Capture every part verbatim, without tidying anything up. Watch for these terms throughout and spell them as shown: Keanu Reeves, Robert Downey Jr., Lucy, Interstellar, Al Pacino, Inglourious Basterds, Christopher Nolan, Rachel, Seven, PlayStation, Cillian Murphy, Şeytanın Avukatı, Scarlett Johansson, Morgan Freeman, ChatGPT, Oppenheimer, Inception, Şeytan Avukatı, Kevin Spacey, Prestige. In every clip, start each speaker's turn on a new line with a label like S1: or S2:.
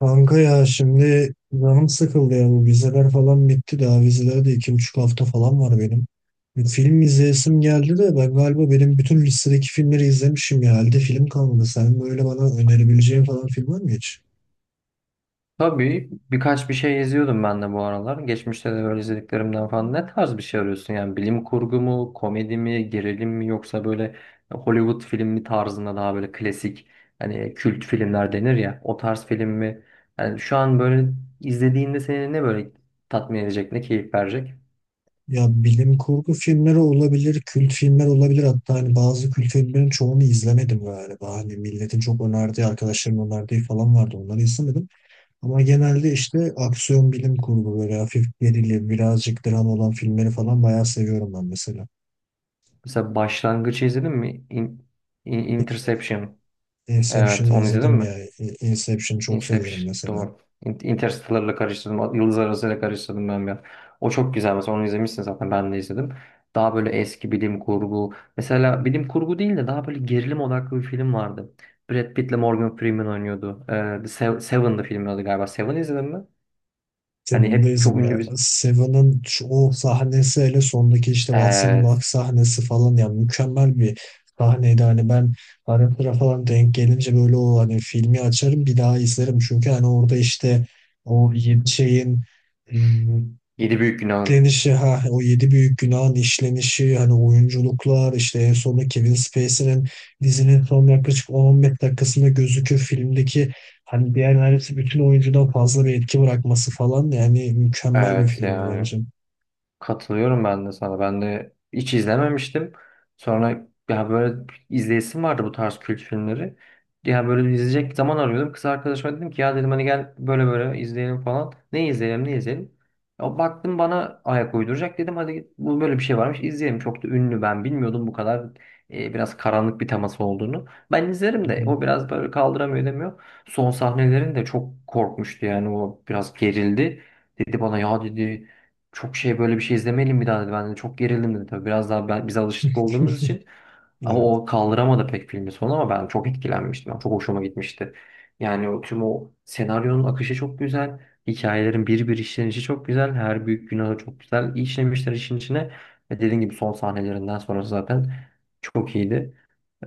S1: Kanka ya şimdi canım sıkıldı ya, bu vizeler falan bitti, daha vizeler de iki buçuk hafta falan var benim. Bir film izleyesim geldi de ben galiba benim bütün listedeki filmleri izlemişim, ya halde film kalmadı. Sen böyle bana önerebileceğin falan film var mı hiç?
S2: Tabii birkaç bir şey izliyordum ben de bu aralar. Geçmişte de böyle izlediklerimden falan. Ne tarz bir şey arıyorsun? Yani bilim kurgu mu, komedi mi, gerilim mi yoksa böyle Hollywood filmi tarzında daha böyle klasik hani kült filmler denir ya o tarz film mi? Yani şu an böyle izlediğinde seni ne böyle tatmin edecek, ne keyif verecek?
S1: Ya bilim kurgu filmleri olabilir, kült filmler olabilir. Hatta hani bazı kült filmlerin çoğunu izlemedim galiba. Hani milletin çok önerdiği, arkadaşlarımın önerdiği falan vardı. Onları izlemedim. Ama genelde işte aksiyon, bilim kurgu, böyle hafif gerilim, birazcık dram olan filmleri falan bayağı seviyorum ben mesela.
S2: Mesela Başlangıç'ı izledin mi? In- In-
S1: Inception.
S2: Interception. Evet,
S1: Inception'ı
S2: onu izledin
S1: izledim
S2: mi?
S1: ya. İ- Inception'ı çok seviyorum
S2: Inception
S1: mesela.
S2: doğru. In- Interstellar'la karıştırdım. Yıldız Arası'yla karıştırdım ben ya. O çok güzel mesela, onu izlemişsin zaten, ben de izledim. Daha böyle eski bilim kurgu. Mesela bilim kurgu değil de daha böyle gerilim odaklı bir film vardı. Brad Pitt'le Morgan Freeman oynuyordu. Ee, The Sev- Seven'dı filmin adı galiba. Seven izledin mi? Hani hep çok
S1: Seven'dayızım
S2: ünlü
S1: ya.
S2: bir...
S1: Seven'ın şu- o sahnesi, hele sondaki işte Watson'ı bak
S2: Evet.
S1: sahnesi falan ya, mükemmel bir sahneydi. Hani ben ara sıra falan denk gelince böyle o hani filmi açarım bir daha izlerim. Çünkü hani orada işte o yedi şeyin
S2: Yedi Büyük Günah'ın.
S1: işlenişi, ha, o yedi büyük günahın işlenişi, hani oyunculuklar, işte en sonunda Kevin Spacey'nin dizinin son yaklaşık on, on beş dakikasında gözüküyor filmdeki, hani diğer neredeyse bütün oyuncudan fazla bir etki bırakması falan, yani mükemmel bir
S2: Evet,
S1: filmdi
S2: yani.
S1: bence.
S2: Katılıyorum ben de sana. Ben de hiç izlememiştim. Sonra ya böyle izleyesim vardı bu tarz kült filmleri. Ya böyle izleyecek zaman arıyordum. Kız arkadaşıma dedim ki, ya dedim hani gel böyle böyle izleyelim falan. Ne izleyelim, ne izleyelim. Ya baktım bana ayak uyduracak, dedim hadi bu böyle bir şey varmış izleyelim. Çok da ünlü, ben bilmiyordum bu kadar e, biraz karanlık bir teması olduğunu. Ben izlerim de o biraz böyle kaldıramıyor demiyor. Son sahnelerin de çok korkmuştu yani, o biraz gerildi. Dedi bana, ya dedi çok şey böyle bir şey izlemeyelim bir daha dedi. Ben de çok gerildim dedi tabii. Biraz daha ben, biz alışık olduğumuz için. Ama
S1: Evet.
S2: o kaldıramadı pek filmin sonu, ama ben çok etkilenmiştim. Yani çok hoşuma gitmişti. Yani o, tüm o senaryonun akışı çok güzel. Hikayelerin bir bir işlenişi çok güzel. Her büyük günahı çok güzel işlemişler işin içine. Ve dediğim gibi son sahnelerinden sonrası zaten çok iyiydi.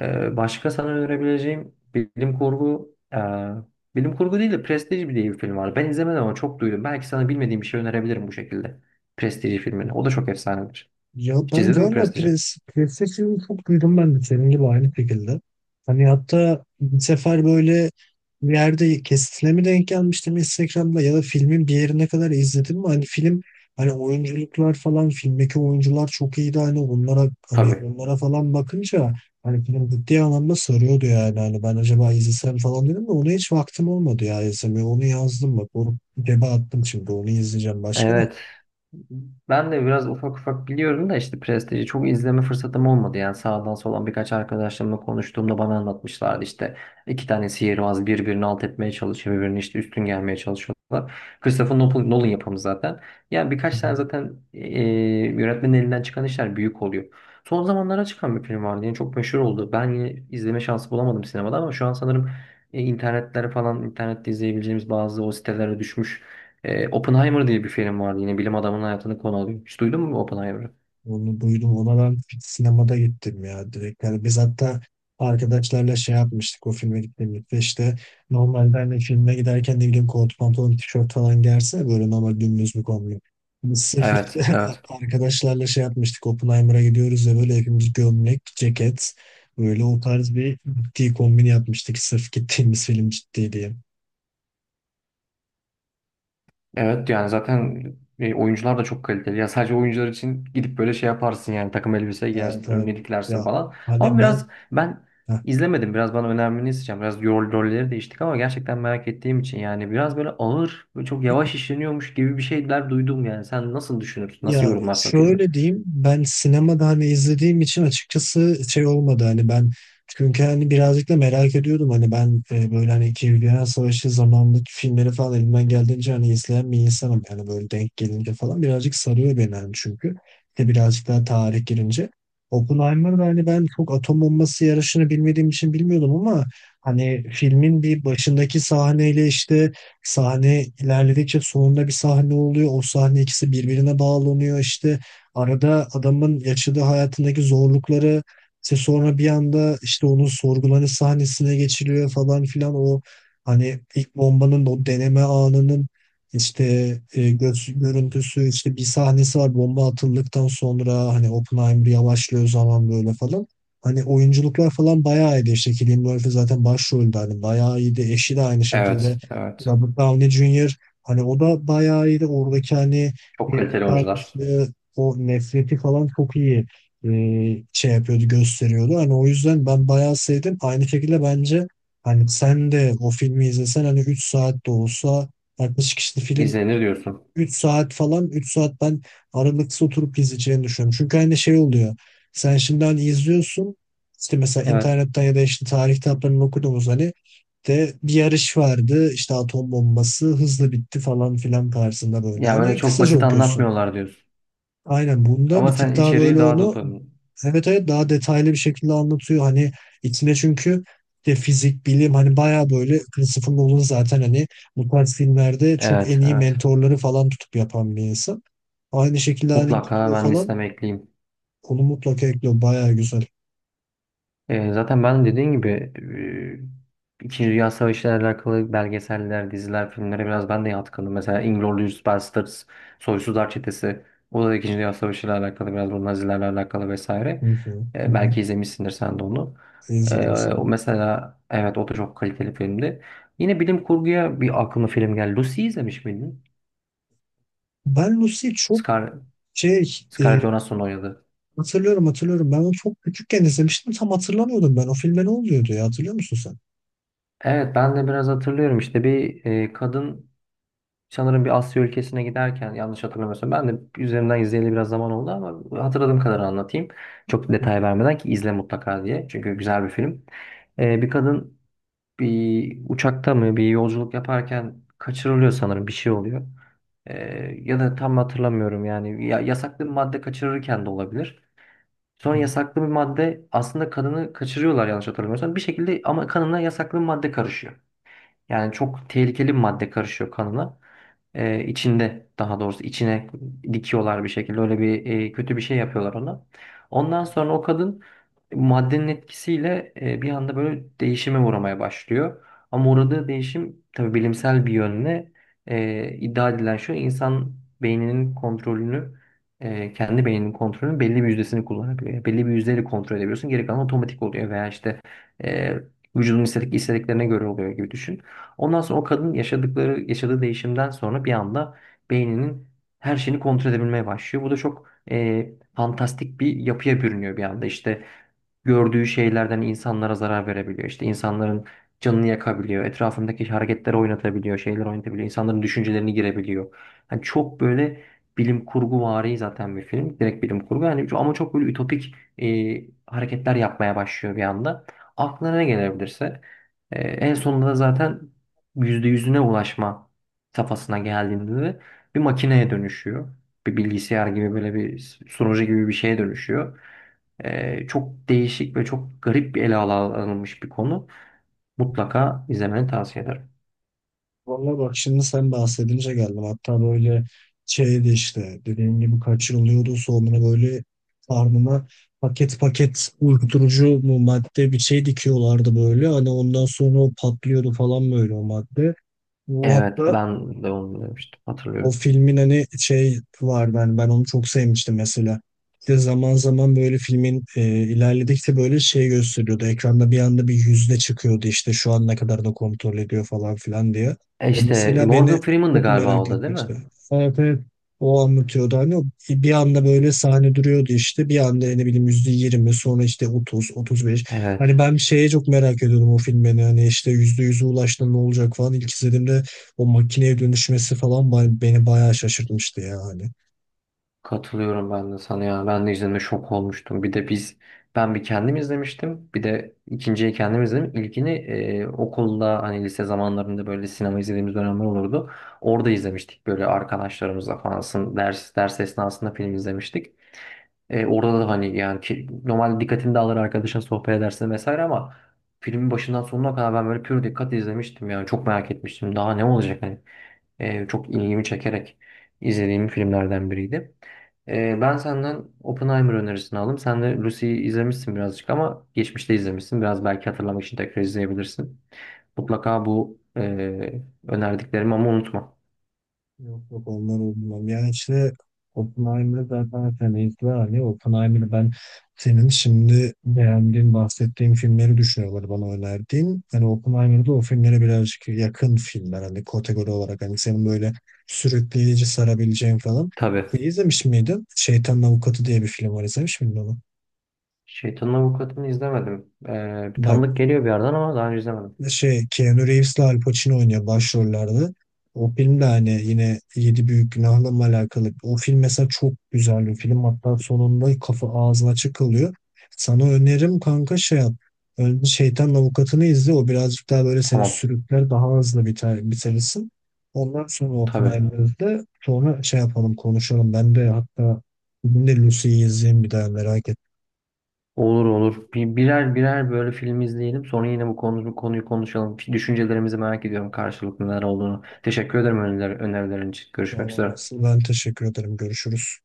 S2: Ee, başka sana önerebileceğim bilim kurgu e, bilim kurgu değil de Prestige diye bir film var. Ben izlemedim ama çok duydum. Belki sana bilmediğim bir şey önerebilirim bu şekilde. Prestige filmini. O da çok efsanedir.
S1: Ya
S2: Hiç
S1: ben
S2: izledin mi
S1: galiba
S2: Prestige'i?
S1: pres, PlayStation'ı çok duydum ben de senin gibi aynı şekilde. Hani hatta bir sefer böyle bir yerde kesitine mi denk gelmiştim Instagram'da, ya da filmin bir yerine kadar izledim mi? Hani film, hani oyunculuklar falan, filmdeki oyuncular çok iyiydi, hani onlara hani
S2: Tabii.
S1: onlara falan bakınca hani film ciddi anlamda soruyordu, yani hani ben acaba izlesem falan dedim de ona hiç vaktim olmadı ya izlemeye, onu yazdım bak, onu cebe attım, şimdi onu izleyeceğim, başka ne?
S2: Evet, ben de biraz ufak ufak biliyorum da işte Prestige'i çok izleme fırsatım olmadı. Yani sağdan soldan birkaç arkadaşlarımla konuştuğumda bana anlatmışlardı işte iki tane sihirbaz birbirini alt etmeye çalışıyor, birbirini işte üstün gelmeye çalışıyorlar. Christopher Nolan Nolan yapımı zaten. Yani
S1: Hı
S2: birkaç tane
S1: hı.
S2: zaten e, yönetmenin elinden çıkan işler büyük oluyor. Son zamanlara çıkan bir film vardı. Yani çok meşhur oldu. Ben yine izleme şansı bulamadım sinemada, ama şu an sanırım e, internetlere falan internette izleyebileceğimiz bazı o sitelere düşmüş. Ee, Oppenheimer diye bir film vardı. Yine bilim adamının hayatını konu alıyor. Hiç duydun mu Oppenheimer'ı?
S1: Onu duydum. Ona ben sinemada gittim ya, direkt. Yani biz hatta arkadaşlarla şey yapmıştık o filme gittiğimizde, işte işte normalde hani filme giderken ne bileyim kot pantolon tişört falan gelse böyle normal dümdüz bir kombin. Biz sırf işte
S2: Evet,
S1: a-
S2: evet.
S1: arkadaşlarla şey yapmıştık, Oppenheimer'a gidiyoruz ya, böyle hepimiz gömlek, ceket, böyle o tarz bir ciddi kombin yapmıştık sırf gittiğimiz film ciddi diye.
S2: Evet, yani zaten e, oyuncular da çok kaliteli. Ya sadece oyuncular için gidip böyle şey yaparsın yani, takım elbise
S1: Evet,
S2: giyersin,
S1: evet.
S2: önüne diklersin
S1: Ya
S2: falan. Ama
S1: hani ben...
S2: biraz ben
S1: Heh.
S2: izlemedim. Biraz bana önermeni isteyeceğim. Biraz rol, rolleri değiştik ama gerçekten merak ettiğim için. Yani biraz böyle ağır ve çok yavaş işleniyormuş gibi bir şeyler duydum yani. Sen nasıl düşünürsün? Nasıl
S1: Ya
S2: yorumlarsın filmi?
S1: şöyle diyeyim, ben sinemada hani izlediğim için açıkçası şey olmadı hani ben, çünkü hani birazcık da merak ediyordum hani ben, e, böyle hani İkinci Dünya Savaşı zamanındaki filmleri falan elimden geldiğince hani izleyen bir insanım, yani böyle denk gelince falan birazcık sarıyor beni hani, çünkü de birazcık daha tarih girince Oppenheimer'da hani ben çok atom bombası yarışını bilmediğim için bilmiyordum, ama hani filmin bir başındaki sahneyle işte sahne ilerledikçe sonunda bir sahne oluyor. O sahne ikisi birbirine bağlanıyor işte. Arada adamın yaşadığı hayatındaki zorlukları, işte sonra bir anda işte onun sorgulanış sahnesine geçiliyor falan filan. O hani ilk bombanın o deneme anının işte, e, gö- görüntüsü, işte bir sahnesi var bomba atıldıktan sonra hani Oppenheimer yavaşlıyor zaman böyle falan. Hani oyunculuklar falan bayağı iyiydi. İşte Cillian Murphy zaten başroldü. Hani bayağı iyiydi. Eşi de aynı şekilde.
S2: Evet, evet.
S1: Robert Downey junior Hani o da bayağı iyiydi. Oradaki hani
S2: Çok
S1: geride
S2: kaliteli oyuncular.
S1: kalmışlığı, o nefreti falan çok iyi e, şey yapıyordu, gösteriyordu. Hani o yüzden ben bayağı sevdim. Aynı şekilde bence hani sen de o filmi izlesen, hani üç saat de olsa, altmış kişilik film.
S2: İzlenir diyorsun.
S1: Üç saat falan, üç saat ben aralıksız oturup izleyeceğini düşünüyorum. Çünkü hani şey oluyor. Sen şimdi hani izliyorsun işte, mesela
S2: Evet.
S1: internetten ya da işte tarih kitaplarını okuduğumuz hani de bir yarış vardı, işte atom bombası hızlı bitti falan filan tarzında, böyle
S2: Ya öyle
S1: hani
S2: çok
S1: kısaca
S2: basit
S1: okuyorsun.
S2: anlatmıyorlar diyorsun.
S1: Aynen, bunda
S2: Ama
S1: bir tık
S2: sen
S1: daha
S2: içeriği
S1: böyle
S2: daha da
S1: onu,
S2: tabii.
S1: evet evet, daha detaylı bir şekilde anlatıyor. Hani içine çünkü de fizik, bilim, hani bayağı böyle, Christopher Nolan zaten hani bu tarz filmlerde çok
S2: Evet,
S1: en iyi
S2: evet.
S1: mentorları falan tutup yapan bir insan. Aynı şekilde hani
S2: Mutlaka
S1: gidiyor
S2: ben
S1: falan,
S2: listeme ekleyeyim.
S1: onu mutlaka ekliyor. Bayağı güzel.
S2: Ee, zaten ben dediğin gibi e, İkinci Dünya Savaşı ile alakalı belgeseller, diziler, filmlere biraz ben de yatkınım. Mesela Inglourious Basterds, Soysuzlar Çetesi. O da İkinci Dünya Savaşı ile alakalı, biraz bu Nazilerle alakalı
S1: Hı
S2: vesaire.
S1: hı, hı
S2: Ee,
S1: hı.
S2: belki izlemişsindir sen de onu. Ee,
S1: İzledim
S2: o
S1: izledim.
S2: mesela, evet, o da çok kaliteli filmdi. Yine bilim kurguya bir aklıma film geldi. Lucy izlemiş miydin?
S1: Ben Lucy'yi çok
S2: Scar
S1: şey
S2: Scarlett
S1: e,
S2: Johansson oynadı.
S1: hatırlıyorum hatırlıyorum. Ben onu çok küçükken izlemiştim. Tam hatırlamıyordum ben. O filme ne oluyordu ya, hatırlıyor musun sen?
S2: Evet, ben de biraz hatırlıyorum işte, bir e, kadın sanırım bir Asya ülkesine giderken, yanlış hatırlamıyorsam, ben de üzerinden izleyeli biraz zaman oldu ama hatırladığım kadar anlatayım. Çok detay vermeden ki izle mutlaka diye, çünkü güzel bir film. E, bir kadın bir uçakta mı bir yolculuk yaparken kaçırılıyor sanırım, bir şey oluyor. E, ya da tam hatırlamıyorum yani, ya, yasaklı bir madde kaçırırken de olabilir. Sonra yasaklı bir madde aslında kanını kaçırıyorlar, yanlış hatırlamıyorsam. Bir şekilde ama kanına yasaklı bir madde karışıyor. Yani çok tehlikeli bir madde karışıyor kanına. Ee, içinde, daha doğrusu içine dikiyorlar bir şekilde. Öyle bir e, kötü bir şey yapıyorlar ona. Ondan sonra o kadın maddenin etkisiyle e, bir anda böyle değişime uğramaya başlıyor. Ama uğradığı değişim tabii bilimsel bir yönle e, iddia edilen şu, insan beyninin kontrolünü e, kendi beyninin kontrolünün belli bir yüzdesini kullanabiliyor. Yani belli bir yüzdeyle kontrol edebiliyorsun. Geri kalan otomatik oluyor veya işte e, vücudun istedik istediklerine göre oluyor, gibi düşün. Ondan sonra o kadın yaşadıkları yaşadığı değişimden sonra bir anda beyninin her şeyini kontrol edebilmeye başlıyor. Bu da çok e, fantastik bir yapıya bürünüyor bir anda. İşte gördüğü şeylerden insanlara zarar verebiliyor. İşte insanların canını yakabiliyor. Etrafındaki hareketleri oynatabiliyor, şeyler oynatabiliyor. İnsanların düşüncelerini girebiliyor. Yani çok böyle bilim kurgu vari zaten bir film. Direkt bilim kurgu. Yani ço- ama çok böyle ütopik e, hareketler yapmaya başlıyor bir anda. Aklına ne gelebilirse. E, en sonunda da zaten yüzde yüzüne ulaşma safhasına geldiğinde de bir makineye dönüşüyor. Bir bilgisayar gibi, böyle bir sunucu gibi bir şeye dönüşüyor. Ee, çok değişik ve çok garip bir ele al- alınmış bir konu. Mutlaka izlemeni tavsiye ederim.
S1: Valla bak, şimdi sen bahsedince geldim. Hatta böyle şeydi işte, dediğim gibi kaçırılıyordu. Sonra böyle karnına paket paket uyuşturucu mu madde bir şey dikiyorlardı böyle. Hani ondan sonra o patlıyordu falan böyle o madde. Bu
S2: Evet,
S1: hatta
S2: ben de onu demiştim.
S1: o
S2: Hatırlıyorum.
S1: filmin hani şey var, ben ben onu çok sevmiştim mesela. Bir de zaman zaman böyle filmin e, ilerledikçe böyle şey gösteriyordu. Ekranda bir anda bir yüzde çıkıyordu, işte şu an ne kadar da kontrol ediyor falan filan diye.
S2: E
S1: O
S2: işte e,
S1: mesela beni
S2: Morgan Freeman'dı
S1: çok
S2: galiba
S1: merak
S2: o da, değil mi?
S1: etmişti. Evet evet. O anlatıyordu hani, o bir anda böyle sahne duruyordu, işte bir anda ne bileyim yüzde yirmi, sonra işte otuz, otuz beş.
S2: Evet.
S1: Hani ben şeye çok merak ediyordum o filmi hani, işte yüzde yüze ulaştı ne olacak falan. İlk izlediğimde o makineye dönüşmesi falan ba- beni bayağı şaşırtmıştı ya hani.
S2: Katılıyorum ben de sana ya. Ben de izlediğimde şok olmuştum. Bir de biz ben bir kendim izlemiştim. Bir de ikinciyi kendim izledim. İlkini e, okulda hani, lise zamanlarında böyle sinema izlediğimiz dönemler olurdu. Orada izlemiştik böyle arkadaşlarımızla falan. Sın- Ders, ders esnasında film izlemiştik. E, orada da hani yani ki, normal dikkatini de arkadaşın sohbet edersin vesaire, ama filmin başından sonuna kadar ben böyle pür dikkat izlemiştim, yani çok merak etmiştim daha ne olacak hani. E, çok ilgimi çekerek izlediğim filmlerden biriydi. E, ben senden Oppenheimer önerisini aldım. Sen de Lucy'yi izlemişsin birazcık, ama geçmişte izlemişsin. Biraz belki hatırlamak için tekrar izleyebilirsin. Mutlaka bu e, önerdiklerimi ama unutma.
S1: Yok yok, onlar olmam. Yani işte Oppenheimer'ı zaten sen izle hani, Oppenheimer'ı ben senin şimdi beğendiğin, bahsettiğin filmleri düşünüyorlar bana önerdiğin. Hani Oppenheimer'da o filmlere birazcık yakın filmler hani, kategori olarak, hani senin böyle sürükleyici, sarabileceğin falan.
S2: Tabii.
S1: E, izlemiş miydin? Şeytanın Avukatı diye bir film var, izlemiş miydin onu?
S2: Şeytanın Avukatı'nı izlemedim. E, bir
S1: Bak,
S2: tanıdık geliyor bir yerden, ama daha önce izlemedim.
S1: şey, Keanu Reeves'le Al Pacino oynuyor başrollerde. O film de hani yine Yedi Büyük Günah'la mı alakalı. O film mesela çok güzel bir film. Hatta sonunda kafa ağzı açık kalıyor. Sana önerim kanka, şey yap. Önce Şeytan Avukatı'nı izle. O birazcık daha böyle seni
S2: Tamam.
S1: sürükler, daha hızlı biter, bitirirsin. Ondan sonra
S2: Tabii.
S1: Oppenheimer'ı izle. Sonra şey yapalım, konuşalım. Ben de hatta bugün de Lucy'yi izleyeyim bir daha, merak etme.
S2: Olur, olur. Bir, birer birer böyle film izleyelim. Sonra yine bu konu, bu konuyu konuşalım. Düşüncelerimizi merak ediyorum, karşılıklı neler olduğunu. Teşekkür ederim öneriler, önerilerin için. Görüşmek
S1: Ama
S2: üzere.
S1: nasıl, ben teşekkür ederim. Görüşürüz.